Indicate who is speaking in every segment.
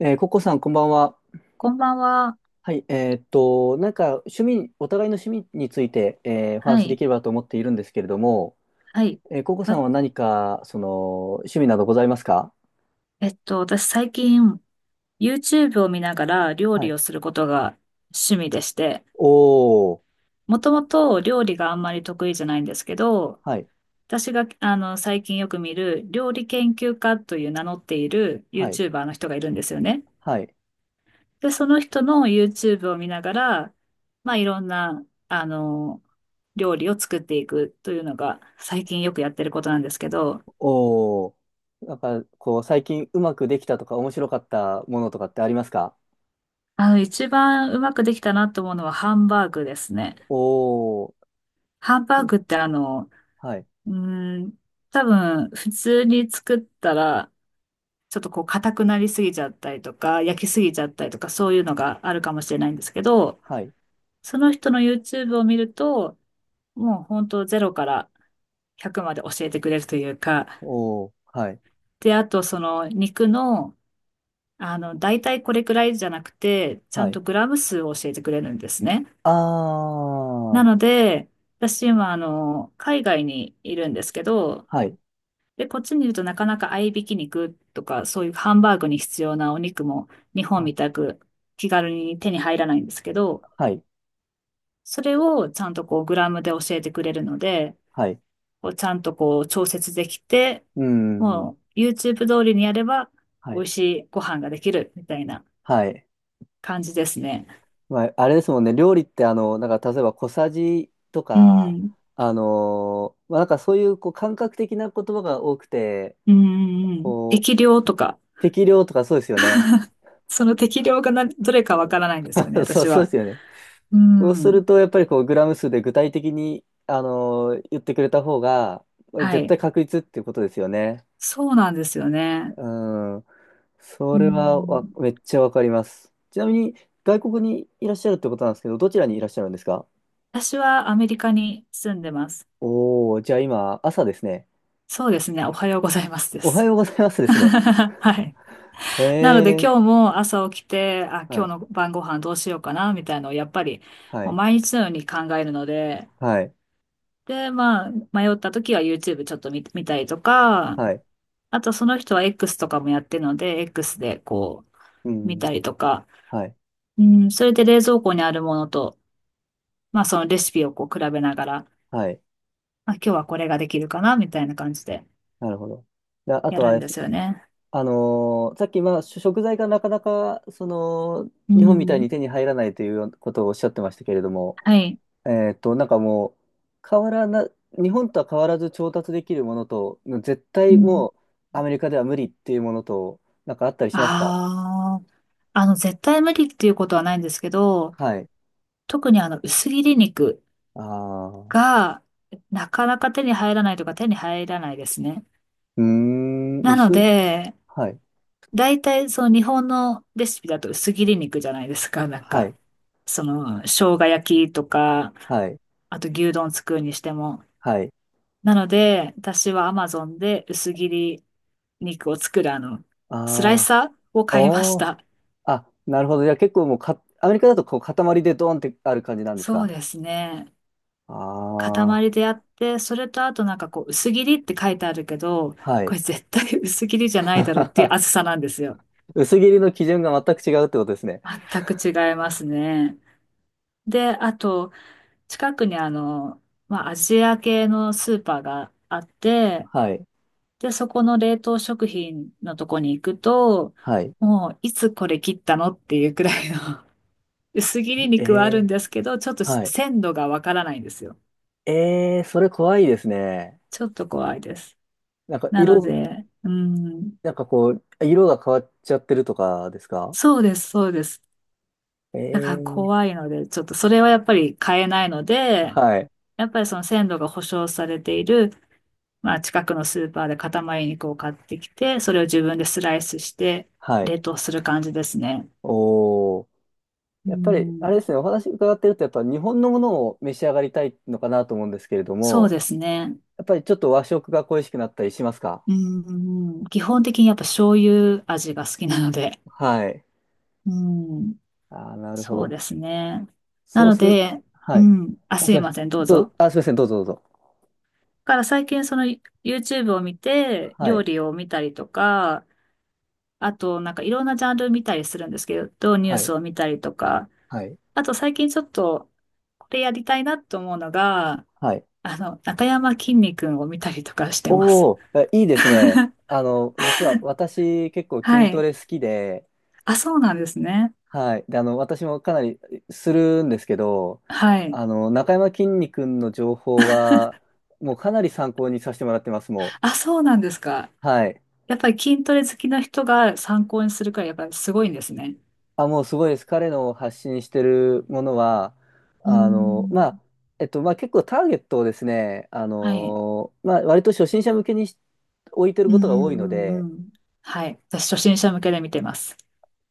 Speaker 1: ココさん、こんばんは。
Speaker 2: こんばんは。
Speaker 1: はい、趣味、お互いの趣味について、お話
Speaker 2: は
Speaker 1: しで
Speaker 2: い。
Speaker 1: きればと思っているんですけれども、
Speaker 2: はい。
Speaker 1: ココさ
Speaker 2: わ
Speaker 1: んは何か、趣味などございますか？
Speaker 2: えっと、私最近 YouTube を見ながら料
Speaker 1: は
Speaker 2: 理
Speaker 1: い。
Speaker 2: をすることが趣味でして、
Speaker 1: おー、
Speaker 2: もともと料理があんまり得意じゃないんですけど、
Speaker 1: はい、
Speaker 2: 私が最近よく見る料理研究家という名乗っている
Speaker 1: はい、
Speaker 2: YouTuber の人がいるんですよね。
Speaker 1: はい、
Speaker 2: で、その人の YouTube を見ながら、まあいろんな、料理を作っていくというのが最近よくやってることなんですけど、
Speaker 1: おー。なんか、こう、最近うまくできたとか、面白かったものとかってありますか？
Speaker 2: 一番うまくできたなと思うのはハンバーグですね。
Speaker 1: おー、
Speaker 2: ハンバーグって
Speaker 1: はい、
Speaker 2: うーん、多分普通に作ったら、ちょっとこう硬くなりすぎちゃったりとか、焼きすぎちゃったりとか、そういうのがあるかもしれないんですけど、
Speaker 1: はい、
Speaker 2: その人の YouTube を見ると、もう本当ゼロから100まで教えてくれるというか、
Speaker 1: おー、はい、
Speaker 2: で、あとその肉の、大体これくらいじゃなくて、ちゃ
Speaker 1: は
Speaker 2: ん
Speaker 1: い。
Speaker 2: とグラム数を教えてくれるんですね。
Speaker 1: あ
Speaker 2: なの
Speaker 1: ー、
Speaker 2: で、私今、海外にいるんですけど、
Speaker 1: はい、
Speaker 2: で、こっちにいるとなかなか合いびき肉とか、そういうハンバーグに必要なお肉も日
Speaker 1: は
Speaker 2: 本
Speaker 1: い、
Speaker 2: みたく気軽に手に入らないんですけど、
Speaker 1: はい、
Speaker 2: それをちゃんとこうグラムで教えてくれるので、
Speaker 1: はい、
Speaker 2: こうちゃんとこう調節できて、
Speaker 1: うーん、
Speaker 2: もう YouTube 通りにやれば
Speaker 1: は
Speaker 2: 美
Speaker 1: い。
Speaker 2: 味しいご飯ができるみたいな
Speaker 1: はい。
Speaker 2: 感じですね。
Speaker 1: まあ、あれですもんね、料理ってなんか例えば小さじと
Speaker 2: う
Speaker 1: か、
Speaker 2: ん。
Speaker 1: まあ、なんかそういう、こう感覚的な言葉が多くて、
Speaker 2: うんうんうん。
Speaker 1: こ
Speaker 2: 適
Speaker 1: う、
Speaker 2: 量とか、
Speaker 1: 適量とかそうですよね。
Speaker 2: その適量がなどれかわ からないんですよね、
Speaker 1: そう、
Speaker 2: 私
Speaker 1: そうで
Speaker 2: は。
Speaker 1: すよね。
Speaker 2: う
Speaker 1: そうす
Speaker 2: ん。
Speaker 1: ると、やっぱりこう、グラム数で具体的に、言ってくれた方が、
Speaker 2: は
Speaker 1: 絶
Speaker 2: い。
Speaker 1: 対確率っていうことですよね。
Speaker 2: そうなんですよね。
Speaker 1: うん。そ
Speaker 2: う
Speaker 1: れはわ、
Speaker 2: ん。
Speaker 1: めっちゃわかります。ちなみに、外国にいらっしゃるってことなんですけど、どちらにいらっしゃるんですか？
Speaker 2: 私はアメリカに住んでます。
Speaker 1: おお、じゃあ今、朝ですね。
Speaker 2: そうですね。おはようございますで
Speaker 1: おは
Speaker 2: す。
Speaker 1: ようございます ですね。
Speaker 2: はい。
Speaker 1: へ
Speaker 2: なので
Speaker 1: え、
Speaker 2: 今日も朝起きて、あ、
Speaker 1: は
Speaker 2: 今日
Speaker 1: い、
Speaker 2: の晩ご飯どうしようかな、みたいのをやっぱり
Speaker 1: は
Speaker 2: もう
Speaker 1: い、
Speaker 2: 毎日のように考えるので、
Speaker 1: はい、
Speaker 2: で、まあ、迷った時は YouTube ちょっと見たりとか、
Speaker 1: はい、
Speaker 2: あとその人は X とかもやってるので、X で
Speaker 1: う
Speaker 2: 見
Speaker 1: ん、
Speaker 2: たりとか、
Speaker 1: はい、
Speaker 2: うん、それで冷蔵庫にあるものと、まあそのレシピをこう比べながら、
Speaker 1: はい、
Speaker 2: あ、今日はこれができるかな、みたいな感じで
Speaker 1: なるほど。であ
Speaker 2: や
Speaker 1: と
Speaker 2: るん
Speaker 1: は、
Speaker 2: ですよね。
Speaker 1: さっき、まあ、食材がなかなか、その、
Speaker 2: う
Speaker 1: 日本みたい
Speaker 2: ん。
Speaker 1: に手に入らないということをおっしゃってましたけれども、
Speaker 2: はい。
Speaker 1: えっと、なんかもう、変わらな、日本とは変わらず調達できるものと、絶
Speaker 2: う
Speaker 1: 対
Speaker 2: ん。
Speaker 1: もう、アメリカでは無理っていうものと、なんかあったりしますか？
Speaker 2: ああ、絶対無理っていうことはないんですけど、
Speaker 1: はい。
Speaker 2: 特に薄切り肉
Speaker 1: ああ。
Speaker 2: が、なかなか手に入らないとか手に入らないですね。
Speaker 1: うーん、
Speaker 2: なの
Speaker 1: 薄い。
Speaker 2: で、
Speaker 1: はい。
Speaker 2: 大体その日本のレシピだと薄切り肉じゃないですか、なん
Speaker 1: は
Speaker 2: か。
Speaker 1: い。
Speaker 2: その、生姜焼きとか、
Speaker 1: はい。
Speaker 2: あと牛丼作るにしても。
Speaker 1: はい。
Speaker 2: なので、私は Amazon で薄切り肉を作るスラ
Speaker 1: あ
Speaker 2: イ
Speaker 1: あ。
Speaker 2: サーを買いまし
Speaker 1: おー、
Speaker 2: た。
Speaker 1: あ、なるほど。じゃあ結構もうか、アメリカだとこう塊でドーンってある感じなんです
Speaker 2: そう
Speaker 1: か？
Speaker 2: ですね。
Speaker 1: ああ
Speaker 2: 塊で
Speaker 1: ー。
Speaker 2: やって、それとあとなんかこう、薄切りって書いてあるけど、
Speaker 1: は
Speaker 2: こ
Speaker 1: い。
Speaker 2: れ絶対薄切りじゃないだろうっていう厚 さなんですよ。
Speaker 1: 薄切りの基準が全く違うってことですね。
Speaker 2: 全く違いますね。で、あと、近くにまあ、アジア系のスーパーがあって、
Speaker 1: はい。
Speaker 2: で、そこの冷凍食品のとこに行くと、
Speaker 1: はい。
Speaker 2: もう、いつこれ切ったのっていうくらいの薄切り
Speaker 1: え
Speaker 2: 肉はあるん
Speaker 1: え。
Speaker 2: ですけど、ちょっと
Speaker 1: はい。
Speaker 2: 鮮度がわからないんですよ。
Speaker 1: ええ、それ怖いですね。
Speaker 2: ちょっと怖いです。
Speaker 1: なんか
Speaker 2: なの
Speaker 1: 色、
Speaker 2: で、うん、
Speaker 1: なんかこう、色が変わっちゃってるとかですか？
Speaker 2: そうです、そうです。
Speaker 1: え
Speaker 2: だから
Speaker 1: え。
Speaker 2: 怖いので、ちょっとそれはやっぱり買えないので、
Speaker 1: はい。
Speaker 2: やっぱりその鮮度が保証されている、まあ近くのスーパーで塊肉を買ってきて、それを自分でスライスして
Speaker 1: はい。
Speaker 2: 冷凍する感じですね。
Speaker 1: おー。
Speaker 2: う
Speaker 1: やっぱり、あれで
Speaker 2: ん、
Speaker 1: すね、お話伺ってると、やっぱ日本のものを召し上がりたいのかなと思うんですけれど
Speaker 2: そう
Speaker 1: も、
Speaker 2: ですね。
Speaker 1: やっぱりちょっと和食が恋しくなったりしますか？
Speaker 2: うん、基本的にやっぱ醤油味が好きなので、
Speaker 1: はい。
Speaker 2: うん、
Speaker 1: ああ、なるほ
Speaker 2: そう
Speaker 1: ど。
Speaker 2: ですね。な
Speaker 1: そう
Speaker 2: の
Speaker 1: する、
Speaker 2: で、
Speaker 1: は
Speaker 2: う
Speaker 1: い。
Speaker 2: ん、あ、
Speaker 1: あ、
Speaker 2: す
Speaker 1: す
Speaker 2: い
Speaker 1: いませ
Speaker 2: ま
Speaker 1: ん。
Speaker 2: せん、どうぞ。だ
Speaker 1: あ、すいません、どうぞどうぞ。
Speaker 2: から最近その YouTube を見て、
Speaker 1: は
Speaker 2: 料
Speaker 1: い。
Speaker 2: 理を見たりとか、あとなんかいろんなジャンル見たりするんですけど、ニュー
Speaker 1: はい。
Speaker 2: スを見たりとか、
Speaker 1: はい。
Speaker 2: あと最近ちょっとこれやりたいなと思うのが、
Speaker 1: はい。
Speaker 2: 中山きんに君を見たりとかしてま
Speaker 1: お
Speaker 2: す。
Speaker 1: おえいいですね。あの、実は私結構
Speaker 2: は
Speaker 1: 筋ト
Speaker 2: い。
Speaker 1: レ好きで、
Speaker 2: あ、そうなんですね。
Speaker 1: はい。で、あの、私もかなりするんですけど、
Speaker 2: はい。
Speaker 1: あの、中山きんに君の情報は、もうかなり参考にさせてもらってます、も
Speaker 2: あ、そうなんですか。
Speaker 1: う。はい。
Speaker 2: やっぱり筋トレ好きな人が参考にするからいやっぱりすごいんですね。
Speaker 1: あ、もうすごいです。彼の発信してるものは、
Speaker 2: うー
Speaker 1: あの、まあ、
Speaker 2: ん。
Speaker 1: まあ結構ターゲットをですね、あ
Speaker 2: はい。
Speaker 1: の、まあ割と初心者向けに置いてる
Speaker 2: う
Speaker 1: こ
Speaker 2: ん
Speaker 1: とが多いの
Speaker 2: うんう
Speaker 1: で、
Speaker 2: んうん。はい。私、初心者向けで見てます。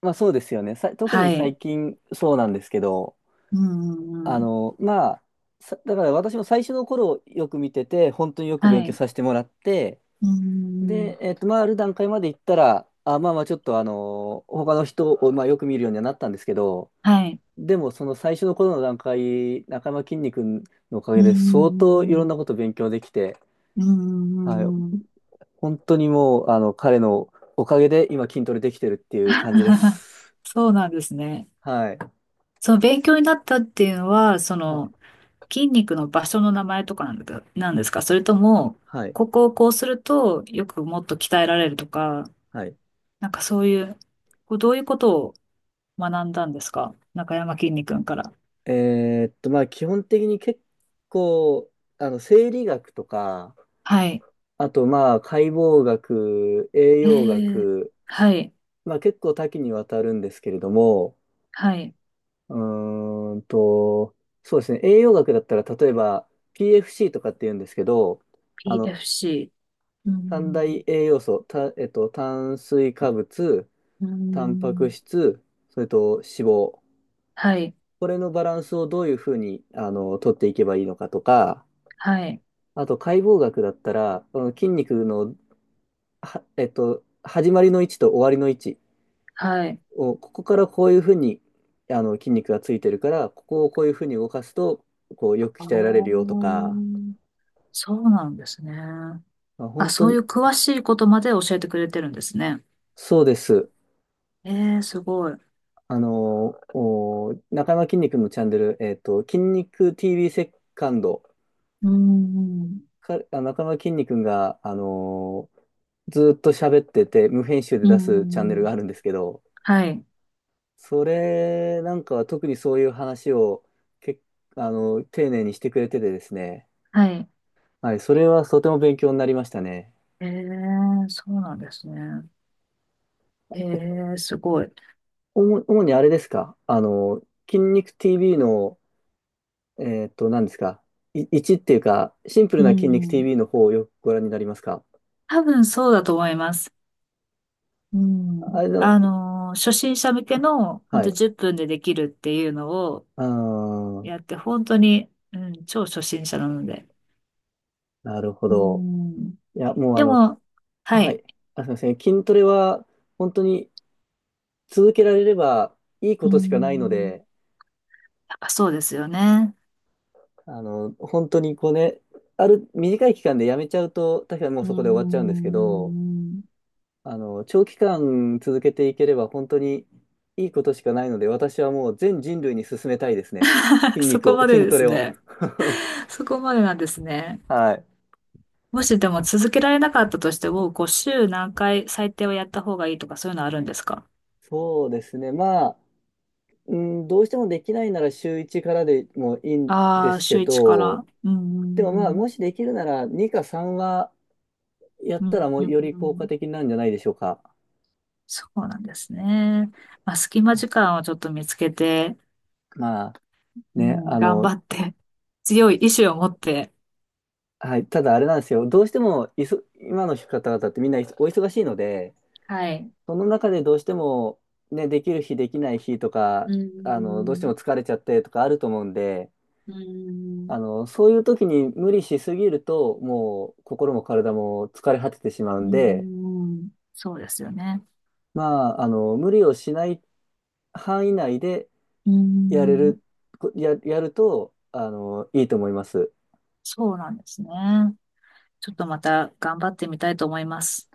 Speaker 1: まあそうですよね。特に
Speaker 2: はい。
Speaker 1: 最近そうなんですけど、
Speaker 2: うんう
Speaker 1: あ
Speaker 2: んうん。
Speaker 1: の、まあ、だから私も最初の頃よく見てて、本当によく
Speaker 2: は
Speaker 1: 勉強
Speaker 2: い。
Speaker 1: させてもらって、
Speaker 2: うんうんうん。
Speaker 1: で、えっと、まあ、ある段階まで行ったら、あ、まあまあ、ちょっとあの、他の人を、まあ、よく見るようにはなったんですけど、
Speaker 2: はい。
Speaker 1: でも、その最初の頃の段階、中山きんに君のおか
Speaker 2: う
Speaker 1: げで、相当
Speaker 2: ん
Speaker 1: い
Speaker 2: う
Speaker 1: ろんな
Speaker 2: ん
Speaker 1: こと勉強できて、
Speaker 2: うん。うんう
Speaker 1: はい、
Speaker 2: んうんうんうんうん。
Speaker 1: 本当にもう、あの、彼のおかげで今筋トレできてるっていう感じで す。
Speaker 2: そうなんですね。
Speaker 1: はい。
Speaker 2: その勉強になったっていうのは、そ
Speaker 1: はい。
Speaker 2: の筋肉の場所の名前とかなんだかなんですか、それとも、
Speaker 1: はい。
Speaker 2: ここをこうするとよくもっと鍛えられるとか、
Speaker 1: はい。
Speaker 2: なんかそういう、こうどういうことを学んだんですか中山きんに君から。
Speaker 1: まあ、基本的に結構、あの、生理学とか、
Speaker 2: はい。
Speaker 1: あと、まあ、解剖学、栄
Speaker 2: え
Speaker 1: 養
Speaker 2: え。
Speaker 1: 学、
Speaker 2: はい。
Speaker 1: まあ、結構多岐にわたるんですけれども、
Speaker 2: はい。
Speaker 1: うーんと、そうですね、栄養学だったら、例えば、PFC とかって言うんですけど、あの、
Speaker 2: PFC。う
Speaker 1: 三大
Speaker 2: ん。
Speaker 1: 栄養素、た、えっと、炭水化物、
Speaker 2: う
Speaker 1: タンパク
Speaker 2: ん。
Speaker 1: 質、それと脂肪。
Speaker 2: はい。
Speaker 1: これのバランスをどういうふうに、あの、取っていけばいいのかとか、
Speaker 2: はい。
Speaker 1: あと解剖学だったら、あの筋肉の、は、えっと、始まりの位置と終わりの位置
Speaker 2: はい。
Speaker 1: を、ここからこういうふうに、あの、筋肉がついてるから、ここをこういうふうに動かすと、こう、よく
Speaker 2: ああ、
Speaker 1: 鍛えられるよとか、
Speaker 2: そうなんですね。
Speaker 1: まあ
Speaker 2: あ、
Speaker 1: 本当
Speaker 2: そうい
Speaker 1: に、
Speaker 2: う詳しいことまで教えてくれてるんですね。
Speaker 1: そうです。
Speaker 2: えー、すごい。
Speaker 1: 中山きんに君のチャンネル、えっと、筋肉 TV セカンド、
Speaker 2: うん。
Speaker 1: 中山きんに君が、あの、ずーっと喋ってて、無編集で
Speaker 2: う
Speaker 1: 出すチャン
Speaker 2: ん。
Speaker 1: ネ
Speaker 2: う
Speaker 1: ルがあ
Speaker 2: ん
Speaker 1: るんですけど、
Speaker 2: はい。
Speaker 1: それなんかは特にそういう話をけ、あの、丁寧にしてくれててですね。
Speaker 2: はい。
Speaker 1: はい、それはとても勉強になりましたね。
Speaker 2: えー、そうなんですね。えー、すごい。
Speaker 1: 主にあれですかあの、筋肉 TV の、えーっと、何ですかい、1っていうか、シンプル
Speaker 2: う
Speaker 1: な筋肉
Speaker 2: ん。
Speaker 1: TV の方をよくご覧になりますか？
Speaker 2: 多分そうだと思います。うん。
Speaker 1: あれの、
Speaker 2: 初心者向けの、ほん
Speaker 1: は
Speaker 2: と
Speaker 1: い。
Speaker 2: 10分でできるっていうの
Speaker 1: あー、
Speaker 2: やって、本当に、うん、超初心者なので。
Speaker 1: なるほ
Speaker 2: う
Speaker 1: ど。
Speaker 2: ん。
Speaker 1: いや、もうあ
Speaker 2: で
Speaker 1: の、き
Speaker 2: も、は
Speaker 1: は
Speaker 2: い。
Speaker 1: い。あ、すみません。筋トレは本当に続けられればいいこ
Speaker 2: う
Speaker 1: としかないの
Speaker 2: ん。
Speaker 1: で、
Speaker 2: やっぱそうですよね。
Speaker 1: あの、本当にこうね、ある短い期間でやめちゃうと、確かにもう
Speaker 2: う
Speaker 1: そこで終わっちゃうんですけど、
Speaker 2: ん。
Speaker 1: あの、長期間続けていければ本当にいいことしかないので、私はもう全人類に勧めたいですね。筋
Speaker 2: そ
Speaker 1: 肉
Speaker 2: こ
Speaker 1: を、
Speaker 2: まで
Speaker 1: 筋
Speaker 2: で
Speaker 1: ト
Speaker 2: す
Speaker 1: レを。
Speaker 2: ね。そこまでなんですね。
Speaker 1: はい。
Speaker 2: もしでも続けられなかったとしても、こう週何回最低はやった方がいいとかそういうのあるんですか？
Speaker 1: そうですね。まあ、うん、どうしてもできないなら週1からでもいいんで
Speaker 2: ああー、
Speaker 1: すけ
Speaker 2: 週1か
Speaker 1: ど、
Speaker 2: ら。う
Speaker 1: でもまあ、
Speaker 2: ん。
Speaker 1: もしできるなら2か3はやっ
Speaker 2: う
Speaker 1: たら
Speaker 2: ん。
Speaker 1: もう
Speaker 2: う
Speaker 1: より効果
Speaker 2: ん。
Speaker 1: 的なんじゃないでしょうか。
Speaker 2: そうなんですね。まあ、隙間時間をちょっと見つけて、
Speaker 1: まあ
Speaker 2: う
Speaker 1: ね、
Speaker 2: ん、
Speaker 1: あ
Speaker 2: 頑張
Speaker 1: の、
Speaker 2: って、強い意志を持って、
Speaker 1: はい、ただあれなんですよ、どうしてもいそ今の方々ってみんなお忙しいので、
Speaker 2: はい。
Speaker 1: その中でどうしても、ね、できる日、できない日と
Speaker 2: う
Speaker 1: か、
Speaker 2: ー
Speaker 1: あのどうして
Speaker 2: ん、
Speaker 1: も疲れちゃってとかあると思うんで、
Speaker 2: うーん、
Speaker 1: あのそういう時に無理しすぎると、もう心も体も疲れ果ててしまう
Speaker 2: う
Speaker 1: んで、
Speaker 2: ーん、そうですよね。
Speaker 1: まあ、あの無理をしない範囲内で
Speaker 2: うー
Speaker 1: やれ
Speaker 2: ん、
Speaker 1: る、やるとあのいいと思います。
Speaker 2: そうなんですね。ちょっとまた頑張ってみたいと思います。